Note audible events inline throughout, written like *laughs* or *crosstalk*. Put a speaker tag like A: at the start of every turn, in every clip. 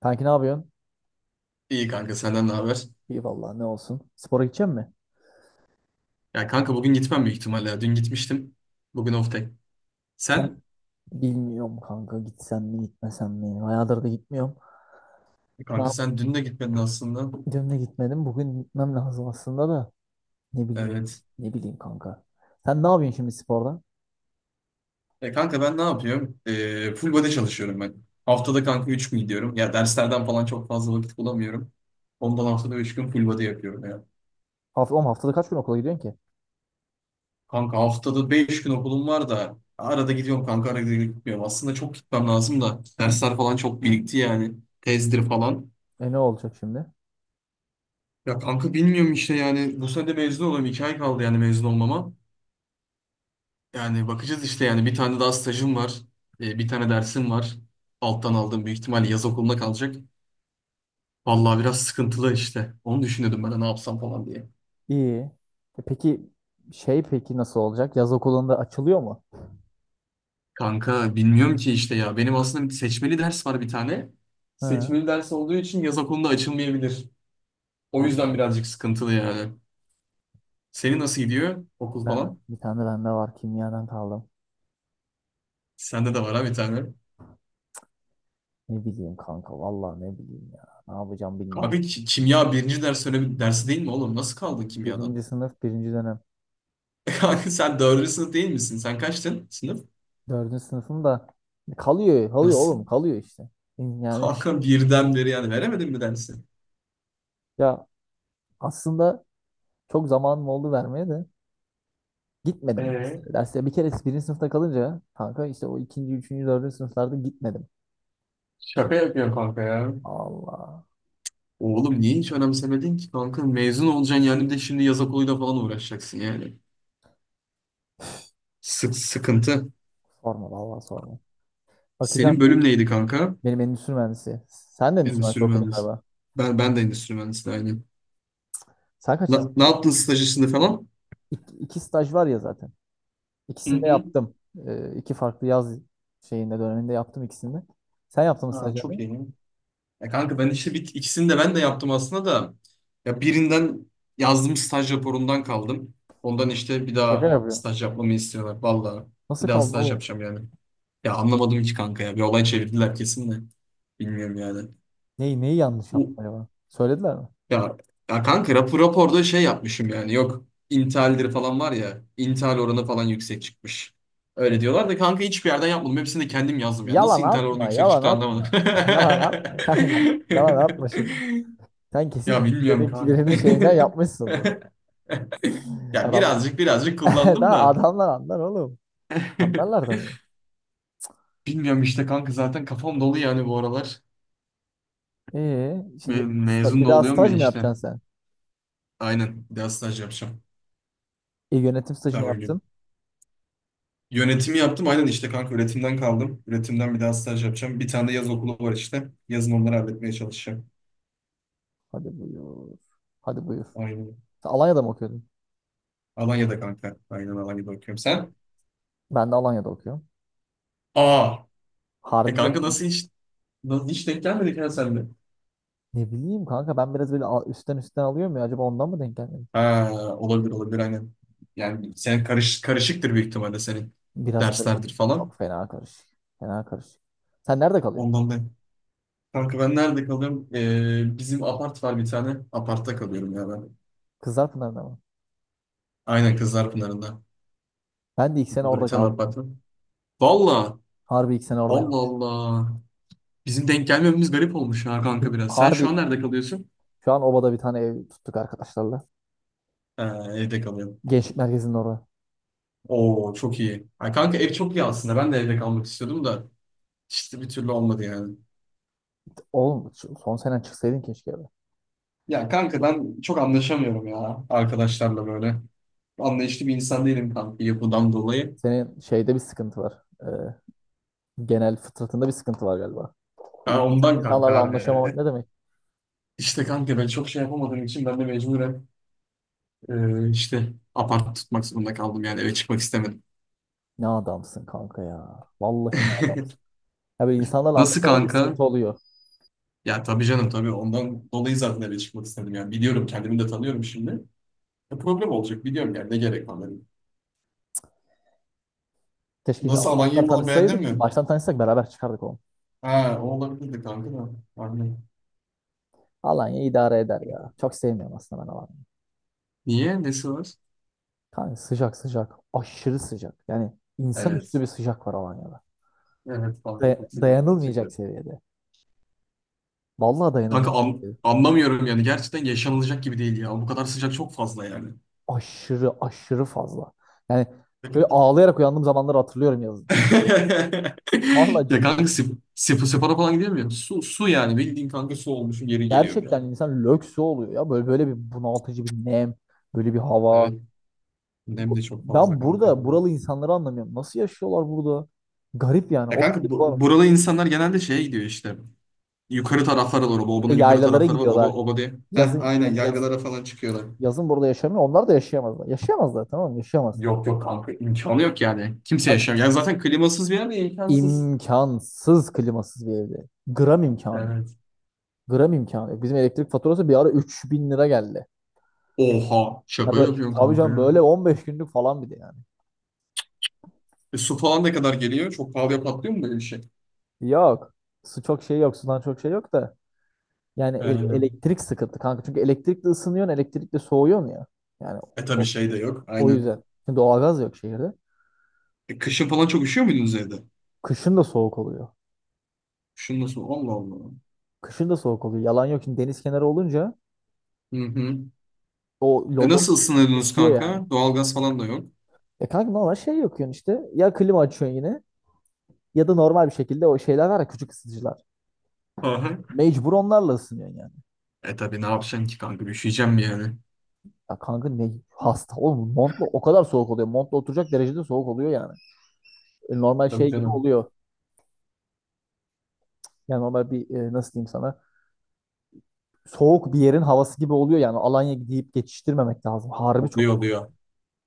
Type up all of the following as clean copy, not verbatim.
A: Kanki ne yapıyorsun?
B: İyi kanka, senden ne haber?
A: İyi vallahi ne olsun. Spora gidecek misin?
B: Ya kanka bugün gitmem büyük ihtimalle. Ya. Dün gitmiştim. Bugün off day.
A: Sen
B: Sen?
A: Bilmiyorum kanka, gitsem mi gitmesem mi? Bayağıdır da gitmiyorum.
B: E,
A: Ne
B: kanka
A: yapayım?
B: sen dün de gitmedin aslında.
A: Dün de gitmedim. Bugün gitmem lazım aslında da. Ne bileyim.
B: Evet.
A: Ne bileyim kanka. Sen ne yapıyorsun şimdi sporda?
B: E kanka, ben ne yapıyorum? Full body çalışıyorum ben. Haftada kanka 3 gün gidiyorum. Ya derslerden falan çok fazla vakit bulamıyorum. Ondan haftada 3 gün full body yapıyorum ya.
A: Oğlum haftada kaç gün okula gidiyorsun ki?
B: Kanka haftada 5 gün okulum var da arada gidiyorum kanka arada gitmiyorum. Aslında çok gitmem lazım da dersler falan çok birikti yani. Tezdir falan.
A: E ne olacak şimdi?
B: Ya kanka bilmiyorum işte yani bu sene de mezun oluyorum. İki ay kaldı yani mezun olmama. Yani bakacağız işte yani bir tane daha stajım var. Bir tane dersim var. Alttan aldığım büyük ihtimalle yaz okuluna kalacak. Vallahi biraz sıkıntılı işte. Onu düşünüyordum ben de ne yapsam falan diye.
A: İyi. E peki peki nasıl olacak? Yaz okulunda açılıyor mu?
B: Kanka bilmiyorum ki işte ya. Benim aslında bir seçmeli ders var bir tane.
A: Hı.
B: Seçmeli ders olduğu için yaz okulunda açılmayabilir. O
A: Hı.
B: yüzden birazcık sıkıntılı yani. Senin nasıl gidiyor okul
A: Ben
B: falan?
A: bir tane de bende var, kimyadan kaldım.
B: Sende de var ha, bir tane.
A: Ne bileyim kanka, vallahi ne bileyim ya. Ne yapacağım bilmiyorum.
B: Abi kimya birinci ders, önemli dersi değil mi oğlum? Nasıl kaldın kimyadan?
A: Birinci sınıf birinci dönem.
B: *laughs* Kanka sen dördüncü sınıf değil misin? Sen kaçtın sınıf?
A: Dördüncü sınıfım da kalıyor
B: Nasıl?
A: oğlum, kalıyor işte. Yani
B: Kanka birden beri yani veremedin mi dersi?
A: ya aslında çok zamanım oldu vermeye de gitmedim
B: Ee,
A: derslere. Derslere bir kere birinci sınıfta kalınca kanka işte o ikinci, üçüncü, dördüncü sınıflarda gitmedim.
B: şaka yapıyor kanka ya.
A: Allah
B: Oğlum niye hiç önemsemedin ki kanka? Mezun olacaksın yani bir de şimdi yaz okuluyla falan uğraşacaksın yani. Sık sıkıntı.
A: sorma vallahi sorma.
B: Senin
A: Bakacağım ya.
B: bölüm neydi kanka?
A: Benim endüstri mühendisi. Sen de endüstri
B: Endüstri
A: mühendisi okudun
B: mühendisi.
A: galiba.
B: Ben de endüstri mühendisi aynı.
A: Sen
B: Ne
A: kaçıncısın?
B: yaptın staj işinde falan?
A: İki staj var ya zaten.
B: Hı
A: İkisini de
B: hı.
A: yaptım. İki farklı yaz döneminde yaptım ikisini de. Sen yaptın mı
B: Aa, çok
A: stajyerliği?
B: iyi. Ya kanka ben işte ikisini de ben de yaptım aslında da. Ya birinden yazdığım staj raporundan kaldım. Ondan işte bir
A: Şaka
B: daha
A: yapıyorum.
B: staj yapmamı istiyorlar. Vallahi bir
A: Nasıl
B: daha
A: kaldın
B: staj
A: oğlum?
B: yapacağım yani. Ya anlamadım hiç kanka ya. Bir olay çevirdiler kesin de. Bilmiyorum yani.
A: Neyi yanlış
B: Bu
A: yaptın acaba? Söylediler mi?
B: ya, ya kanka, raporda şey yapmışım yani. Yok, intihalleri falan var ya. İntihal oranı falan yüksek çıkmış. Öyle diyorlar da kanka hiçbir yerden yapmadım. Hepsini de kendim yazdım ya.
A: Yalan
B: Nasıl intihal oranı
A: atma,
B: yüksek
A: yalan
B: çıktı anlamadım.
A: atma. Yalan atma kanka. Yalan atma şimdi.
B: *laughs*
A: Sen kesin
B: Ya bilmiyorum
A: birinin
B: kanka.
A: birinin şeyinden yapmışsındır.
B: *laughs* Ya
A: Adamlar.
B: birazcık birazcık
A: *laughs*
B: kullandım
A: Daha
B: da.
A: adamlar anlar oğlum. Anlarlar
B: *laughs*
A: tabii.
B: Bilmiyorum işte kanka zaten kafam dolu yani bu aralar.
A: Şimdi
B: Mezun
A: bir
B: da
A: daha
B: oluyorum ya
A: staj mı
B: işte.
A: yapacaksın sen?
B: Aynen. Bir daha staj yapacağım.
A: E, yönetim stajını
B: Daha
A: yaptın.
B: uygun. Yönetimi yaptım. Aynen işte kanka üretimden kaldım. Üretimden bir daha staj yapacağım. Bir tane de yaz okulu var işte. Yazın onları halletmeye çalışacağım.
A: Hadi buyur. Hadi buyur.
B: Aynen.
A: Sen Alanya'da mı okuyordun?
B: Alanya'da kanka. Aynen Alanya'da okuyorum. Sen?
A: Ben de Alanya'da okuyorum.
B: Aa. E
A: Harbi
B: kanka
A: diyorum.
B: nasıl hiç denk gelmedik ya senle.
A: Ne bileyim kanka, ben biraz böyle üstten alıyorum ya, acaba ondan mı denk gelmedi?
B: Ha, olabilir olabilir aynen. Yani sen karışıktır büyük ihtimalle senin
A: Biraz karışık.
B: derslerdir falan.
A: Çok fena karışık. Fena karışık. Sen nerede kalıyorsun?
B: Ondan da. Kanka ben nerede kalıyorum? Bizim apart var bir tane. Apartta kalıyorum ya ben.
A: Kızlarpınar'da mı?
B: Aynen Kızlarpınar'ında.
A: Ben de ilk sene
B: Orada bir
A: orada
B: tane apart
A: kaldım.
B: var. Valla.
A: Harbi ilk sene orada
B: Allah
A: kaldım.
B: Allah. Bizim denk gelmememiz garip olmuş ha kanka biraz. Sen
A: Harbi
B: şu an nerede kalıyorsun?
A: şu an obada bir tane ev tuttuk arkadaşlarla.
B: Ha, evde kalıyorum.
A: Gençlik merkezinin orada.
B: Oo, çok iyi. Ha, kanka ev çok iyi aslında. Ben de evde kalmak istiyordum da. İşte bir türlü olmadı yani.
A: Oğlum son senen çıksaydın keşke be.
B: Ya kanka ben çok anlaşamıyorum ya arkadaşlarla böyle. Anlayışlı bir insan değilim kanka, yapıdan dolayı.
A: Senin şeyde bir sıkıntı var. Genel fıtratında bir sıkıntı var galiba.
B: Ha, ondan kanka
A: İnsanlarla anlaşamamak
B: abi.
A: ne demek?
B: İşte kanka ben çok şey yapamadığım için ben de mecburen işte apart tutmak zorunda kaldım yani eve çıkmak istemedim.
A: Ne adamsın kanka ya. Vallahi ne adam.
B: *laughs*
A: Ya böyle insanlarla
B: Nasıl
A: anlaşamayınca
B: kanka?
A: sıkıntı oluyor.
B: Ya tabii canım tabii ondan dolayı zaten eve çıkmak istedim yani biliyorum, kendimi de tanıyorum şimdi. Problem olacak biliyorum yani, ne gerek var dedim.
A: Keşke
B: Nasıl,
A: baştan
B: Alanya'yı falan beğendin
A: tanışsaydık.
B: mi?
A: Baştan tanışsak beraber çıkardık onu.
B: Ha, o olabilirdi kanka da. Aynen.
A: Alanya idare eder ya. Çok sevmiyorum aslında ben Alanya'yı.
B: Niye? Nesi var?
A: Kanka sıcak sıcak. Aşırı sıcak. Yani insanüstü
B: Evet.
A: bir sıcak var Alanya'da.
B: Evet kanka çok sıcak
A: Dayanılmayacak
B: gerçekten.
A: seviyede. Vallahi
B: Kanka
A: dayanılmayacak seviyede.
B: anlamıyorum yani. Gerçekten yaşanılacak gibi değil ya. Bu kadar sıcak çok fazla yani.
A: Aşırı aşırı fazla. Yani böyle
B: *laughs*
A: ağlayarak uyandığım zamanları hatırlıyorum yazın. Vallahi
B: Ya kanka
A: ciddi.
B: spora falan gidiyor muyum? Su, su yani. Bildiğin kanka su olmuşum geri geliyorum
A: Gerçekten
B: yani.
A: insan lökse oluyor ya. Böyle böyle bir bunaltıcı bir nem. Böyle bir hava.
B: Evet. Nem de çok fazla
A: Ben
B: kanka
A: burada
B: orada.
A: buralı insanları anlamıyorum. Nasıl yaşıyorlar burada? Garip yani.
B: Ya
A: O
B: kanka
A: garip
B: burada insanlar genelde şeye gidiyor işte. Yukarı taraflara doğru. Bu
A: e,
B: obanın yukarı
A: yaylalara
B: tarafları var. Oba,
A: gidiyorlar.
B: oba diye. Heh,
A: Yazın
B: aynen yaylalara falan çıkıyorlar.
A: yazın burada yaşamıyor. Onlar da yaşayamazlar. Yaşayamazlar, tamam mı? Yaşayamaz.
B: Yok yok kanka, imkanı yok yani. Kimse
A: Ay,
B: yaşamıyor. Yani zaten klimasız bir yer de imkansız.
A: İmkansız klimasız bir evde. Gram imkanı.
B: Evet.
A: Gram imkanı yok. Bizim elektrik faturası bir ara 3.000 lira geldi.
B: Oha,
A: Ya
B: şaka
A: böyle,
B: yapıyorsun
A: tabii
B: kanka
A: canım,
B: ya.
A: böyle 15 günlük falan bir de yani.
B: Su falan ne kadar geliyor? Çok pahalıya patlıyor mu böyle bir şey?
A: Yok. Su çok şey yok. Sudan çok şey yok da. Yani
B: Aynen.
A: elektrik sıkıntı kanka. Çünkü elektrikle ısınıyorsun, elektrikle soğuyorsun ya. Yani
B: Tabii şey de yok.
A: o
B: Aynen.
A: yüzden. Şimdi doğalgaz yok şehirde.
B: Kışın falan çok üşüyor muydunuz evde?
A: Kışın da soğuk oluyor.
B: Kışın nasıl? Allah Allah.
A: Kışın da soğuk oluyor. Yalan yok. Şimdi deniz kenarı olunca
B: Hı hı.
A: o
B: E
A: lodo
B: nasıl ısınıyordunuz
A: esiyor yani.
B: kanka? Doğalgaz falan da yok.
A: E kanka normal şey yakıyorsun işte. Ya klima açıyorsun yine ya da normal bir şekilde o şeyler var ya, küçük ısıtıcılar.
B: Hı hı.
A: Mecbur onlarla ısınıyorsun yani.
B: Tabii ne yapacaksın ki kanka? Üşüyeceğim mi yani?
A: Ya kanka ne hasta oğlum, montla o kadar soğuk oluyor. Montla oturacak derecede soğuk oluyor yani. Normal
B: Tabii
A: şey gibi
B: canım.
A: oluyor. Yani normal bir nasıl diyeyim sana, soğuk bir yerin havası gibi oluyor yani. Alanya deyip geçiştirmemek lazım. Harbi çok.
B: Oluyor oluyor.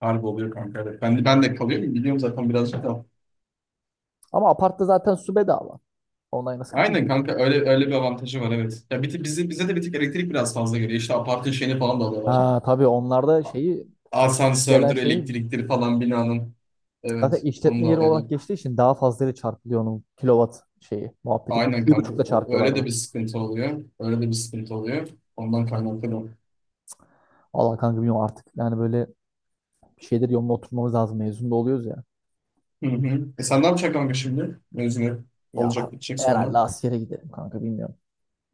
B: Harbi oluyor kanka. Evet. Ben de kalıyorum. Biliyorum zaten birazcık da.
A: Ama apartta zaten su bedava. Online nasıl.
B: Aynen kanka öyle öyle bir avantajı var, evet. Ya bir tık- bizi bize de bir tık elektrik biraz fazla geliyor. İşte apartın şeyini falan da alıyorlar.
A: Ha, tabii onlarda şeyi, gelen
B: Asansördür,
A: şeyi
B: elektriktir falan binanın.
A: zaten
B: Evet, onu
A: işletme
B: da
A: yeri
B: alıyorlar.
A: olarak geçtiği için daha fazlayla çarpılıyor onun kilowatt şeyi muhabbeti. Bir,
B: Aynen
A: bir
B: kanka.
A: buçukla
B: Öyle de
A: çarpıyorlardı.
B: bir sıkıntı oluyor. Öyle de bir sıkıntı oluyor. Ondan kaynaklı da.
A: Allah kanka bilmiyorum artık. Yani böyle bir şeyleri yoluna oturmamız lazım. Mezun da oluyoruz ya.
B: Hı hı. Sen ne yapacaksın kanka şimdi? Mezun
A: Ya
B: olacak gidecek
A: herhalde
B: sonra.
A: askere gidelim kanka, bilmiyorum.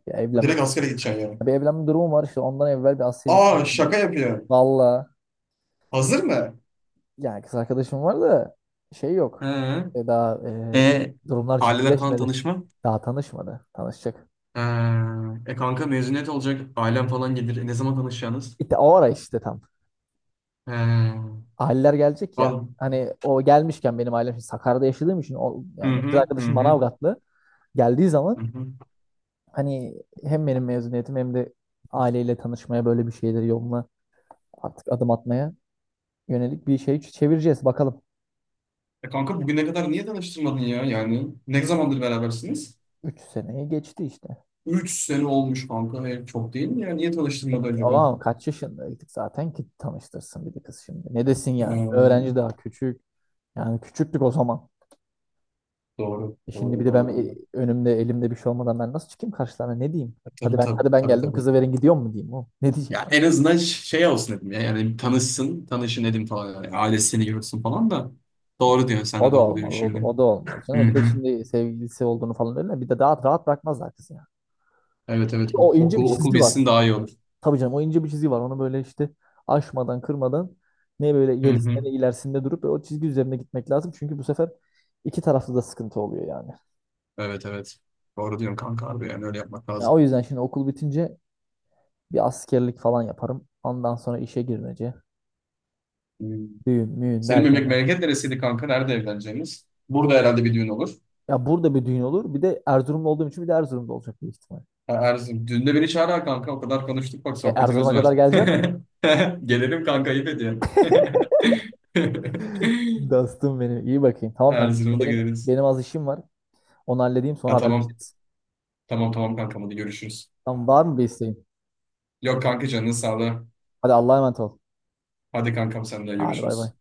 A: Bir
B: Ha,
A: evlenme,
B: direkt askere gideceksin yani.
A: bir evlenme durumu var işte, ondan evvel bir askere
B: Aa,
A: gitmemiz lazım.
B: şaka yapıyor.
A: Valla
B: Hazır mı?
A: yani kız arkadaşım var da şey yok.
B: Hı.
A: Daha
B: E
A: durumlar
B: aileler falan
A: ciddileşmedi.
B: tanışma.
A: Daha tanışmadı. Tanışacak.
B: Ha. Kanka mezuniyet olacak. Ailem falan gelir. Ne zaman tanışacaksınız?
A: İşte o ara işte tam
B: He.
A: aileler gelecek ya.
B: Al.
A: Hani o gelmişken benim ailem şimdi Sakarya'da yaşadığım için, o
B: Hı
A: yani kız
B: hı hı
A: arkadaşım
B: hı.
A: Manavgatlı, geldiği
B: Hı
A: zaman
B: hı.
A: hani hem benim mezuniyetim hem de aileyle tanışmaya, böyle bir şeyleri yoluna, artık adım atmaya yönelik bir şey çevireceğiz bakalım.
B: Kanka bugüne kadar niye tanıştırmadın ya? Yani ne zamandır berabersiniz?
A: Üç seneyi geçti işte.
B: 3 sene olmuş kanka. Çok değil mi ya? Niye tanıştırmadı acaba?
A: Ama kaç yaşındaydık zaten ki tanıştırsın bir de kız şimdi. Ne desin yani?
B: Ee,
A: Öğrenci, daha küçük. Yani küçüktük o zaman.
B: doğru.
A: E şimdi bir
B: Doğru.
A: de ben
B: Doğru. Anne.
A: önümde elimde bir şey olmadan ben nasıl çıkayım karşılarına, ne diyeyim? Hadi
B: Tabii
A: ben,
B: tabii.
A: hadi ben
B: Tabii
A: geldim
B: tabii.
A: kızı verin gidiyor mu diyeyim o. Ne diyeceğim?
B: Ya en azından şey olsun dedim ya. Yani tanışsın. Tanışın dedim falan. Yani ailesini görsün falan da. Doğru diyorsun. Sen
A: O
B: de
A: da
B: doğru diyorsun
A: olmaz.
B: şimdi.
A: O da olmaz canım.
B: Hı
A: E, bir de
B: hı.
A: şimdi sevgilisi olduğunu falan, öyle bir de daha rahat bırakmazlar kızı ya.
B: Evet evet. Ok-
A: O ince bir
B: Okul, okul
A: çizgi var.
B: bilsin daha iyi olur.
A: Tabii canım, o ince bir çizgi var. Onu böyle işte aşmadan kırmadan, ne böyle
B: Hı
A: gerisinde
B: hı.
A: ne ilerisinde durup o çizgi üzerinde gitmek lazım. Çünkü bu sefer iki tarafta da sıkıntı oluyor yani.
B: Evet evet. Doğru diyorsun kanka abi. Yani öyle yapmak
A: Ya o
B: lazım.
A: yüzden şimdi okul bitince bir askerlik falan yaparım. Ondan sonra işe girmece,
B: Hı.
A: düğün, müğün
B: Senin
A: derken.
B: memleket neresiydi kanka? Nerede evleneceğiniz? Burada herhalde bir düğün olur.
A: Ya burada bir düğün olur. Bir de Erzurumlu olduğum için bir de Erzurum'da olacak büyük ihtimal.
B: Ha, Erzurum. Düğünde beni çağır ha kanka. O kadar konuştuk bak,
A: E,
B: sohbetimiz
A: Erzurum'a
B: var.
A: kadar
B: *laughs*
A: geleceğim mi?
B: Gelelim kanka, ayıp ediyor. *laughs*
A: *laughs* Dostum benim. İyi bakayım. Tamam kanka. Şimdi
B: Erzurum'a da
A: benim
B: geliriz.
A: benim az işim var. Onu halledeyim sonra
B: Ha, tamam.
A: haberleşiriz.
B: Tamam tamam kankam, hadi görüşürüz.
A: Tamam, var mı bir isteğin?
B: Yok kanka, canın sağlığı.
A: Hadi Allah'a emanet ol.
B: Hadi kankam, sen de
A: Hadi bay bay.
B: görüşürüz.